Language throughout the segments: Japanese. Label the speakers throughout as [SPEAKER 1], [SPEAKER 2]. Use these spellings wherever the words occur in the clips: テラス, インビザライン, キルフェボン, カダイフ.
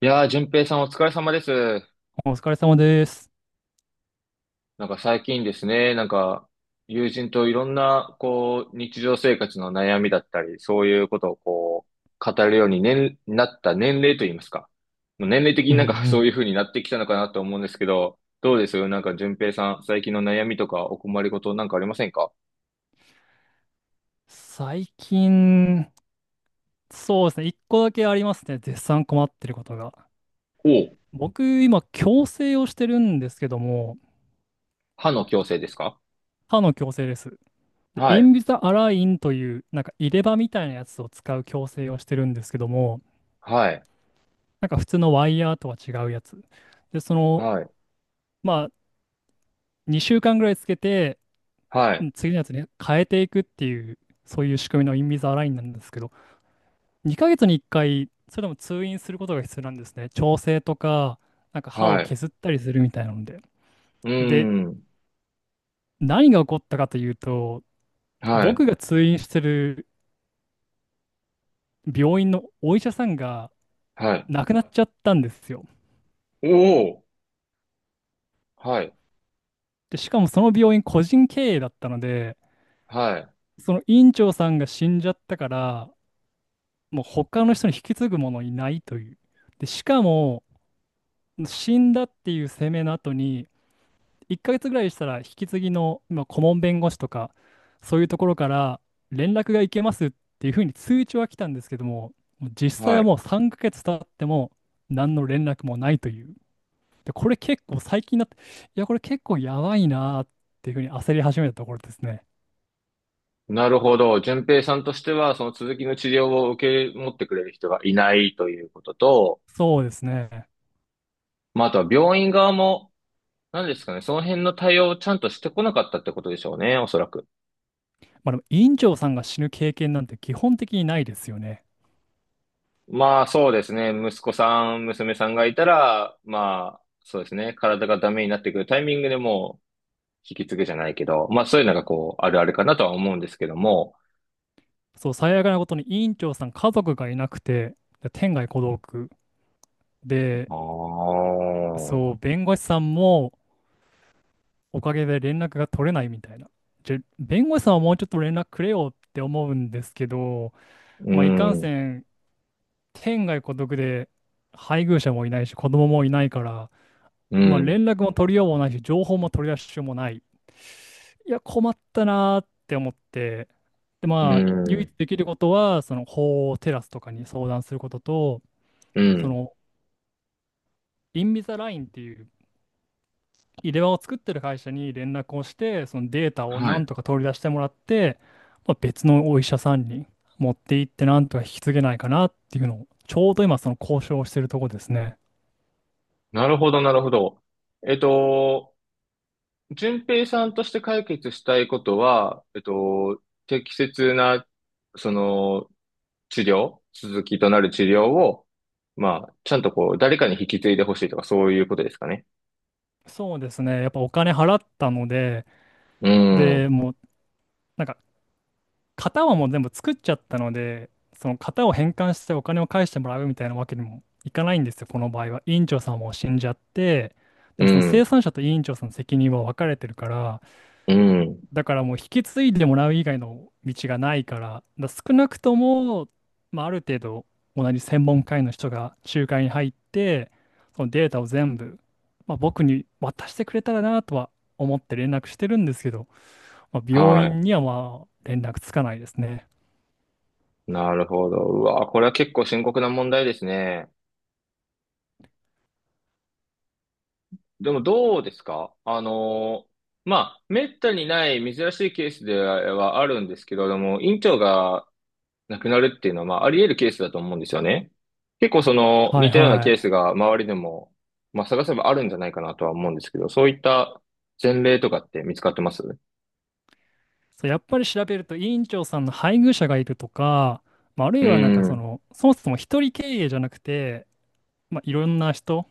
[SPEAKER 1] いやー、淳平さんお疲れ様です。
[SPEAKER 2] お疲れ様です。
[SPEAKER 1] 最近ですね、友人といろんな、こう、日常生活の悩みだったり、そういうことをこう、語るように、ね、なった年齢といいますか。もう年齢的に
[SPEAKER 2] うんう
[SPEAKER 1] そういう
[SPEAKER 2] ん。
[SPEAKER 1] 風になってきたのかなと思うんですけど、どうですよ、淳平さん、最近の悩みとかお困りごとありませんか？
[SPEAKER 2] 最近、そうですね。一個だけありますね。絶賛困ってることが。
[SPEAKER 1] おう、
[SPEAKER 2] 僕、今、矯正をしてるんですけども、
[SPEAKER 1] 歯の矯正ですか？
[SPEAKER 2] 歯の矯正です。で、
[SPEAKER 1] は
[SPEAKER 2] イン
[SPEAKER 1] い、
[SPEAKER 2] ビザアラインという、なんか入れ歯みたいなやつを使う矯正をしてるんですけども、
[SPEAKER 1] はい、
[SPEAKER 2] なんか普通のワイヤーとは違うやつ。で、その、
[SPEAKER 1] はい、
[SPEAKER 2] まあ、2週間ぐらいつけて、
[SPEAKER 1] は
[SPEAKER 2] う
[SPEAKER 1] い、
[SPEAKER 2] ん次のやつに変えていくっていう、そういう仕組みのインビザアラインなんですけど、2ヶ月に1回、それでも通院することが必要なんですね。調整とか、なんか歯を
[SPEAKER 1] はい、
[SPEAKER 2] 削ったりするみたいなので。
[SPEAKER 1] うー
[SPEAKER 2] で、
[SPEAKER 1] ん、
[SPEAKER 2] 何が起こったかというと、
[SPEAKER 1] はい、
[SPEAKER 2] 僕が通院してる病院のお医者さんが
[SPEAKER 1] はい、
[SPEAKER 2] 亡くなっちゃったんですよ。
[SPEAKER 1] おお、はい、
[SPEAKER 2] で、しかもその病院個人経営だったので、
[SPEAKER 1] はい。
[SPEAKER 2] その院長さんが死んじゃったから、もう他の人に引き継ぐものいないという。で、しかも、死んだっていう声明の後に、1ヶ月ぐらいしたら引き継ぎの今顧問弁護士とかそういうところから連絡がいけますっていうふうに通知は来たんですけども、もう実際
[SPEAKER 1] は
[SPEAKER 2] は
[SPEAKER 1] い。
[SPEAKER 2] もう3ヶ月経っても何の連絡もないという。で、これ結構最近になって、いや、これ結構やばいなーっていうふうに焦り始めたところですね。
[SPEAKER 1] なるほど。順平さんとしては、その続きの治療を受け持ってくれる人がいないということと、
[SPEAKER 2] そうですね。
[SPEAKER 1] まあ、あとは病院側も、何ですかね、その辺の対応をちゃんとしてこなかったってことでしょうね、おそらく。
[SPEAKER 2] まあでも院長さんが死ぬ経験なんて基本的にないですよね。
[SPEAKER 1] まあ、そうですね。息子さん、娘さんがいたら、まあ、そうですね。体がダメになってくるタイミングでもう、引き継ぐじゃないけど、まあ、そういうのがこう、あるあるかなとは思うんですけども。
[SPEAKER 2] そう、最悪なことに委員長さん家族がいなくて、で天涯孤独で、
[SPEAKER 1] ああ、
[SPEAKER 2] そう、弁護士さんもおかげで連絡が取れないみたいな。じゃ、弁護士さんはもうちょっと連絡くれよって思うんですけど、
[SPEAKER 1] う
[SPEAKER 2] まあ、いかん
[SPEAKER 1] ん、う
[SPEAKER 2] せ
[SPEAKER 1] ん、
[SPEAKER 2] ん、天涯孤独で配偶者もいないし、子供もいないから、まあ、
[SPEAKER 1] う
[SPEAKER 2] 連絡も取りようもないし、情報も取り出しようもない。いや、困ったなーって思って、で、まあ、唯一
[SPEAKER 1] ん、
[SPEAKER 2] できることは、その法をテラスとかに相談することと、
[SPEAKER 1] う
[SPEAKER 2] そ
[SPEAKER 1] ん。
[SPEAKER 2] の、インビザラインっていう入れ歯を作ってる会社に連絡をして、そのデータを
[SPEAKER 1] は
[SPEAKER 2] な
[SPEAKER 1] い。
[SPEAKER 2] んとか取り出してもらって、まあ、別のお医者さんに持って行ってなんとか引き継げないかなっていうのを、ちょうど今その交渉をしてるとこですね。
[SPEAKER 1] なるほど、なるほど。えっと、順平さんとして解決したいことは、適切な、その、治療、続きとなる治療を、まあ、ちゃんとこう、誰かに引き継いでほしいとか、そういうことですかね。
[SPEAKER 2] そうですね。やっぱお金払ったので、
[SPEAKER 1] う
[SPEAKER 2] で、
[SPEAKER 1] ん、
[SPEAKER 2] もうなんか型はもう全部作っちゃったので、その型を返還してお金を返してもらうみたいなわけにもいかないんですよ、この場合は。委員長さんも死んじゃって、
[SPEAKER 1] う
[SPEAKER 2] でもその生
[SPEAKER 1] ん、
[SPEAKER 2] 産者と委員長さんの責任は分かれてるから、
[SPEAKER 1] うん。
[SPEAKER 2] だからもう引き継いでもらう以外の道がないから、少なくとも、まあ、ある程度同じ専門家医の人が仲介に入って、そのデータを全部、まあ、僕に渡してくれたらなとは思って連絡してるんですけど、まあ、病
[SPEAKER 1] はい。
[SPEAKER 2] 院にはまあ連絡つかないですね。
[SPEAKER 1] なるほど。うわ、これは結構深刻な問題ですね。でもどうですか、あの、まあ、めったにない珍しいケースではあるんですけれども、院長が、なくなるっていうのは、まあ、あり得るケースだと思うんですよね。結構その、
[SPEAKER 2] は
[SPEAKER 1] 似
[SPEAKER 2] い
[SPEAKER 1] たような
[SPEAKER 2] は
[SPEAKER 1] ケ
[SPEAKER 2] い。
[SPEAKER 1] ースが周りでも、まあ、探せばあるんじゃないかなとは思うんですけど、そういった前例とかって見つかってます？う
[SPEAKER 2] そう、やっぱり調べると委員長さんの配偶者がいるとか、まあ、ある
[SPEAKER 1] ー
[SPEAKER 2] いはなんか
[SPEAKER 1] ん、
[SPEAKER 2] そ
[SPEAKER 1] う
[SPEAKER 2] の、そもそも一人経営じゃなくて、まあ、いろんな人、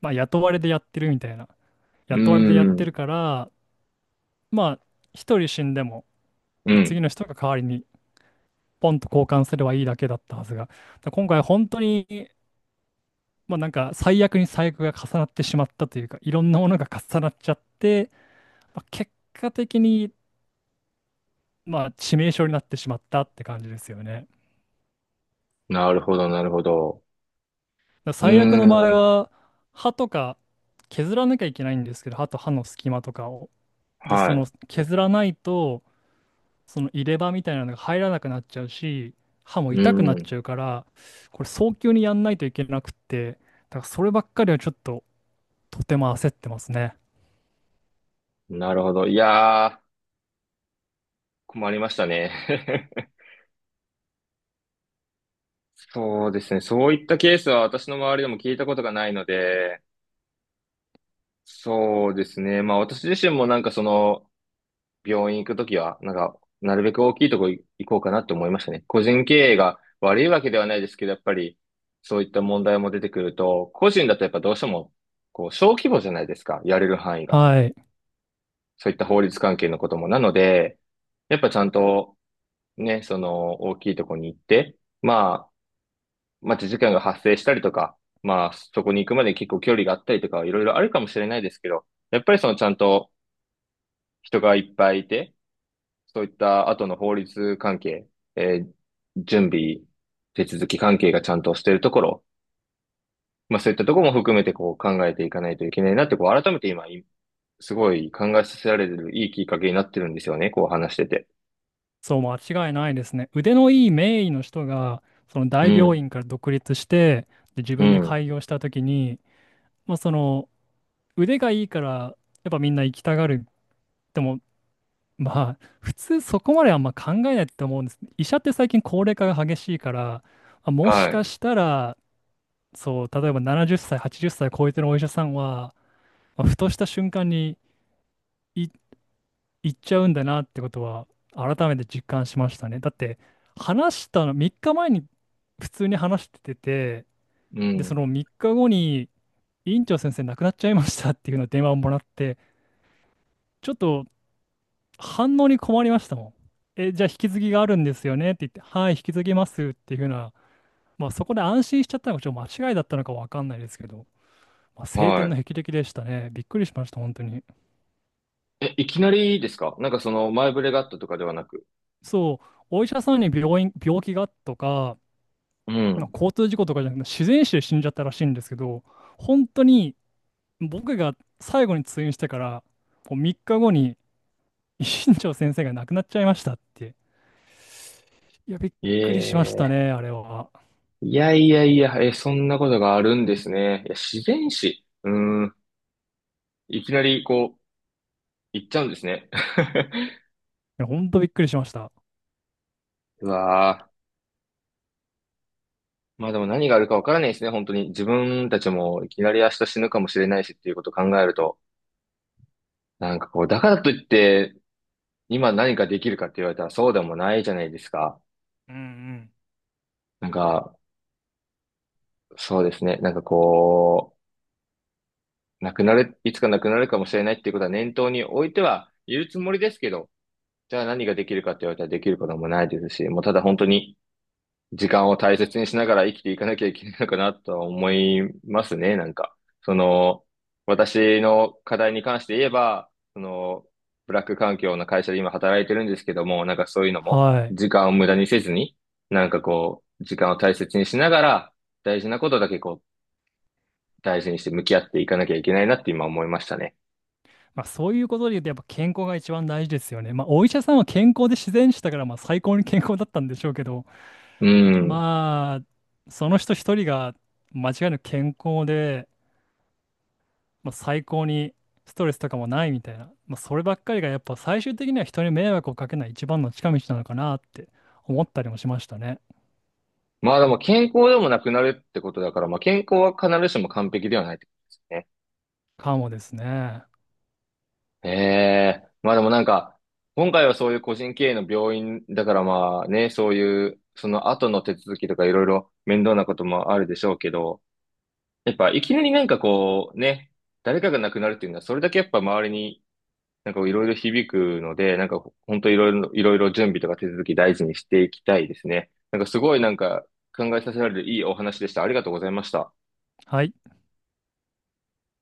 [SPEAKER 2] まあ、雇われでやってるみたいな。
[SPEAKER 1] ー
[SPEAKER 2] 雇われでやってる
[SPEAKER 1] ん、
[SPEAKER 2] から、まあ、一人死んでも、
[SPEAKER 1] う
[SPEAKER 2] 次
[SPEAKER 1] ん。
[SPEAKER 2] の人が代わりに、ポンと交換すればいいだけだったはずが、だから今回本当に、まあなんか、最悪に最悪が重なってしまったというか、いろんなものが重なっちゃって、まあ、結果的に、まあ、致命傷になってしまったって感じですよね。だか
[SPEAKER 1] なるほど、なるほど。
[SPEAKER 2] ら
[SPEAKER 1] うー
[SPEAKER 2] 最悪の場合
[SPEAKER 1] ん、
[SPEAKER 2] は、歯とか削らなきゃいけないんですけど、歯と歯の隙間とかを。で、
[SPEAKER 1] は
[SPEAKER 2] そ
[SPEAKER 1] い。
[SPEAKER 2] の削らないと、その入れ歯みたいなのが入らなくなっちゃうし、歯も
[SPEAKER 1] う
[SPEAKER 2] 痛く
[SPEAKER 1] ー
[SPEAKER 2] なっ
[SPEAKER 1] ん、
[SPEAKER 2] ちゃうから、これ早急にやんないといけなくって、だからそればっかりはちょっととても焦ってますね。
[SPEAKER 1] なるほど。いやー、困りましたね。そうですね。そういったケースは私の周りでも聞いたことがないので、そうですね。まあ私自身もその、病院行くときは、なるべく大きいとこ行こうかなって思いましたね。個人経営が悪いわけではないですけど、やっぱり、そういった問題も出てくると、個人だとやっぱどうしても、こう、小規模じゃないですか、やれる範囲が。
[SPEAKER 2] はい。
[SPEAKER 1] そういった法律関係のことも。なので、やっぱちゃんと、ね、その、大きいとこに行って、まあ、待ち時間が発生したりとか、まあ、そこに行くまで結構距離があったりとか、いろいろあるかもしれないですけど、やっぱりそのちゃんと人がいっぱいいて、そういった後の法律関係、えー準備、手続き関係がちゃんとしているところ、まあそういったところも含めてこう考えていかないといけないなって、こう改めて今、いすごい考えさせられるいいきっかけになってるんですよね、こう話してて。
[SPEAKER 2] そう、間違いないですね。腕のいい名医の人が、その
[SPEAKER 1] う
[SPEAKER 2] 大病
[SPEAKER 1] ん、
[SPEAKER 2] 院から独立して、で、自
[SPEAKER 1] う
[SPEAKER 2] 分で
[SPEAKER 1] ん、
[SPEAKER 2] 開業したときに、まあその腕がいいから、やっぱみんな行きたがる。でも、まあ、普通そこまであんま考えないって思うんです。医者って最近高齢化が激しいから、まあもし
[SPEAKER 1] は
[SPEAKER 2] か
[SPEAKER 1] い、
[SPEAKER 2] したら、そう、例えば70歳、80歳超えてるお医者さんは、まあふとした瞬間にい行っちゃうんだなってことは、改めて実感しましたね。だって、話したの、3日前に普通に話してて、
[SPEAKER 1] う
[SPEAKER 2] で、そ
[SPEAKER 1] ん、
[SPEAKER 2] の3日後に、院長先生亡くなっちゃいましたっていうのを電話をもらって、ちょっと反応に困りましたもん。え、じゃあ引き継ぎがあるんですよねって言って、はい、引き継ぎますっていうふうな、まあそこで安心しちゃったのがちょっと間違いだったのかわかんないですけど、まあ、晴天の
[SPEAKER 1] は
[SPEAKER 2] 霹靂でしたね。びっくりしました、本当に。
[SPEAKER 1] い。え、いきなりですか？その前触れがあったとかではなく。
[SPEAKER 2] そう、お医者さんに病院、病気がとか、
[SPEAKER 1] う
[SPEAKER 2] まあ、
[SPEAKER 1] ん。
[SPEAKER 2] 交通事故とかじゃなくて、自然死で死んじゃったらしいんですけど、本当に僕が最後に通院してから、もう3日後に、一新長先生が亡くなっちゃいましたって。いや、びっ
[SPEAKER 1] え
[SPEAKER 2] くりしました
[SPEAKER 1] え、
[SPEAKER 2] ね、あれは。
[SPEAKER 1] いやいやいや、え、そんなことがあるんですね。いや、自然史。うーん。いきなり、こう、言っちゃうんですね。
[SPEAKER 2] や、ほんとびっくりしました。
[SPEAKER 1] うわー。まあでも何があるかわからないですね、本当に。自分たちもいきなり明日死ぬかもしれないしっていうことを考えると、こう、だからといって、今何かできるかって言われたらそうでもないじゃないですか。
[SPEAKER 2] うんうん。
[SPEAKER 1] なんか、そうですね。こう、なくなる、いつかなくなるかもしれないっていうことは念頭に置いてはいるつもりですけど、じゃあ何ができるかって言われたらできることもないですし、もうただ本当に、時間を大切にしながら生きていかなきゃいけないのかなとは思いますね、その、私の課題に関して言えば、その、ブラック環境の会社で今働いてるんですけども、そういうのも、
[SPEAKER 2] はい。
[SPEAKER 1] 時間を無駄にせずに、時間を大切にしながら、大事なことだけこう、大事にして向き合っていかなきゃいけないなって今思いましたね。
[SPEAKER 2] まあそういうことで言うとやっぱ健康が一番大事ですよね。まあお医者さんは健康で自然死だからまあ最高に健康だったんでしょうけど、
[SPEAKER 1] うん。
[SPEAKER 2] まあその人一人が間違いなく健康でまあ、最高にストレスとかもないみたいな、まあ、そればっかりがやっぱ最終的には人に迷惑をかけない一番の近道なのかなって思ったりもしましたね。
[SPEAKER 1] まあでも健康でもなくなるってことだから、まあ健康は必ずしも完璧ではないってことですね。
[SPEAKER 2] かもですね。
[SPEAKER 1] ええ、まあでも今回はそういう個人経営の病院だからまあね、そういう、その後の手続きとかいろいろ面倒なこともあるでしょうけど、やっぱいきなりこうね、誰かが亡くなるっていうのはそれだけやっぱ周りにいろいろ響くので、本当いろいろ、いろいろ準備とか手続き大事にしていきたいですね。すごい考えさせられるいいお話でした。ありがとうございました。
[SPEAKER 2] はい。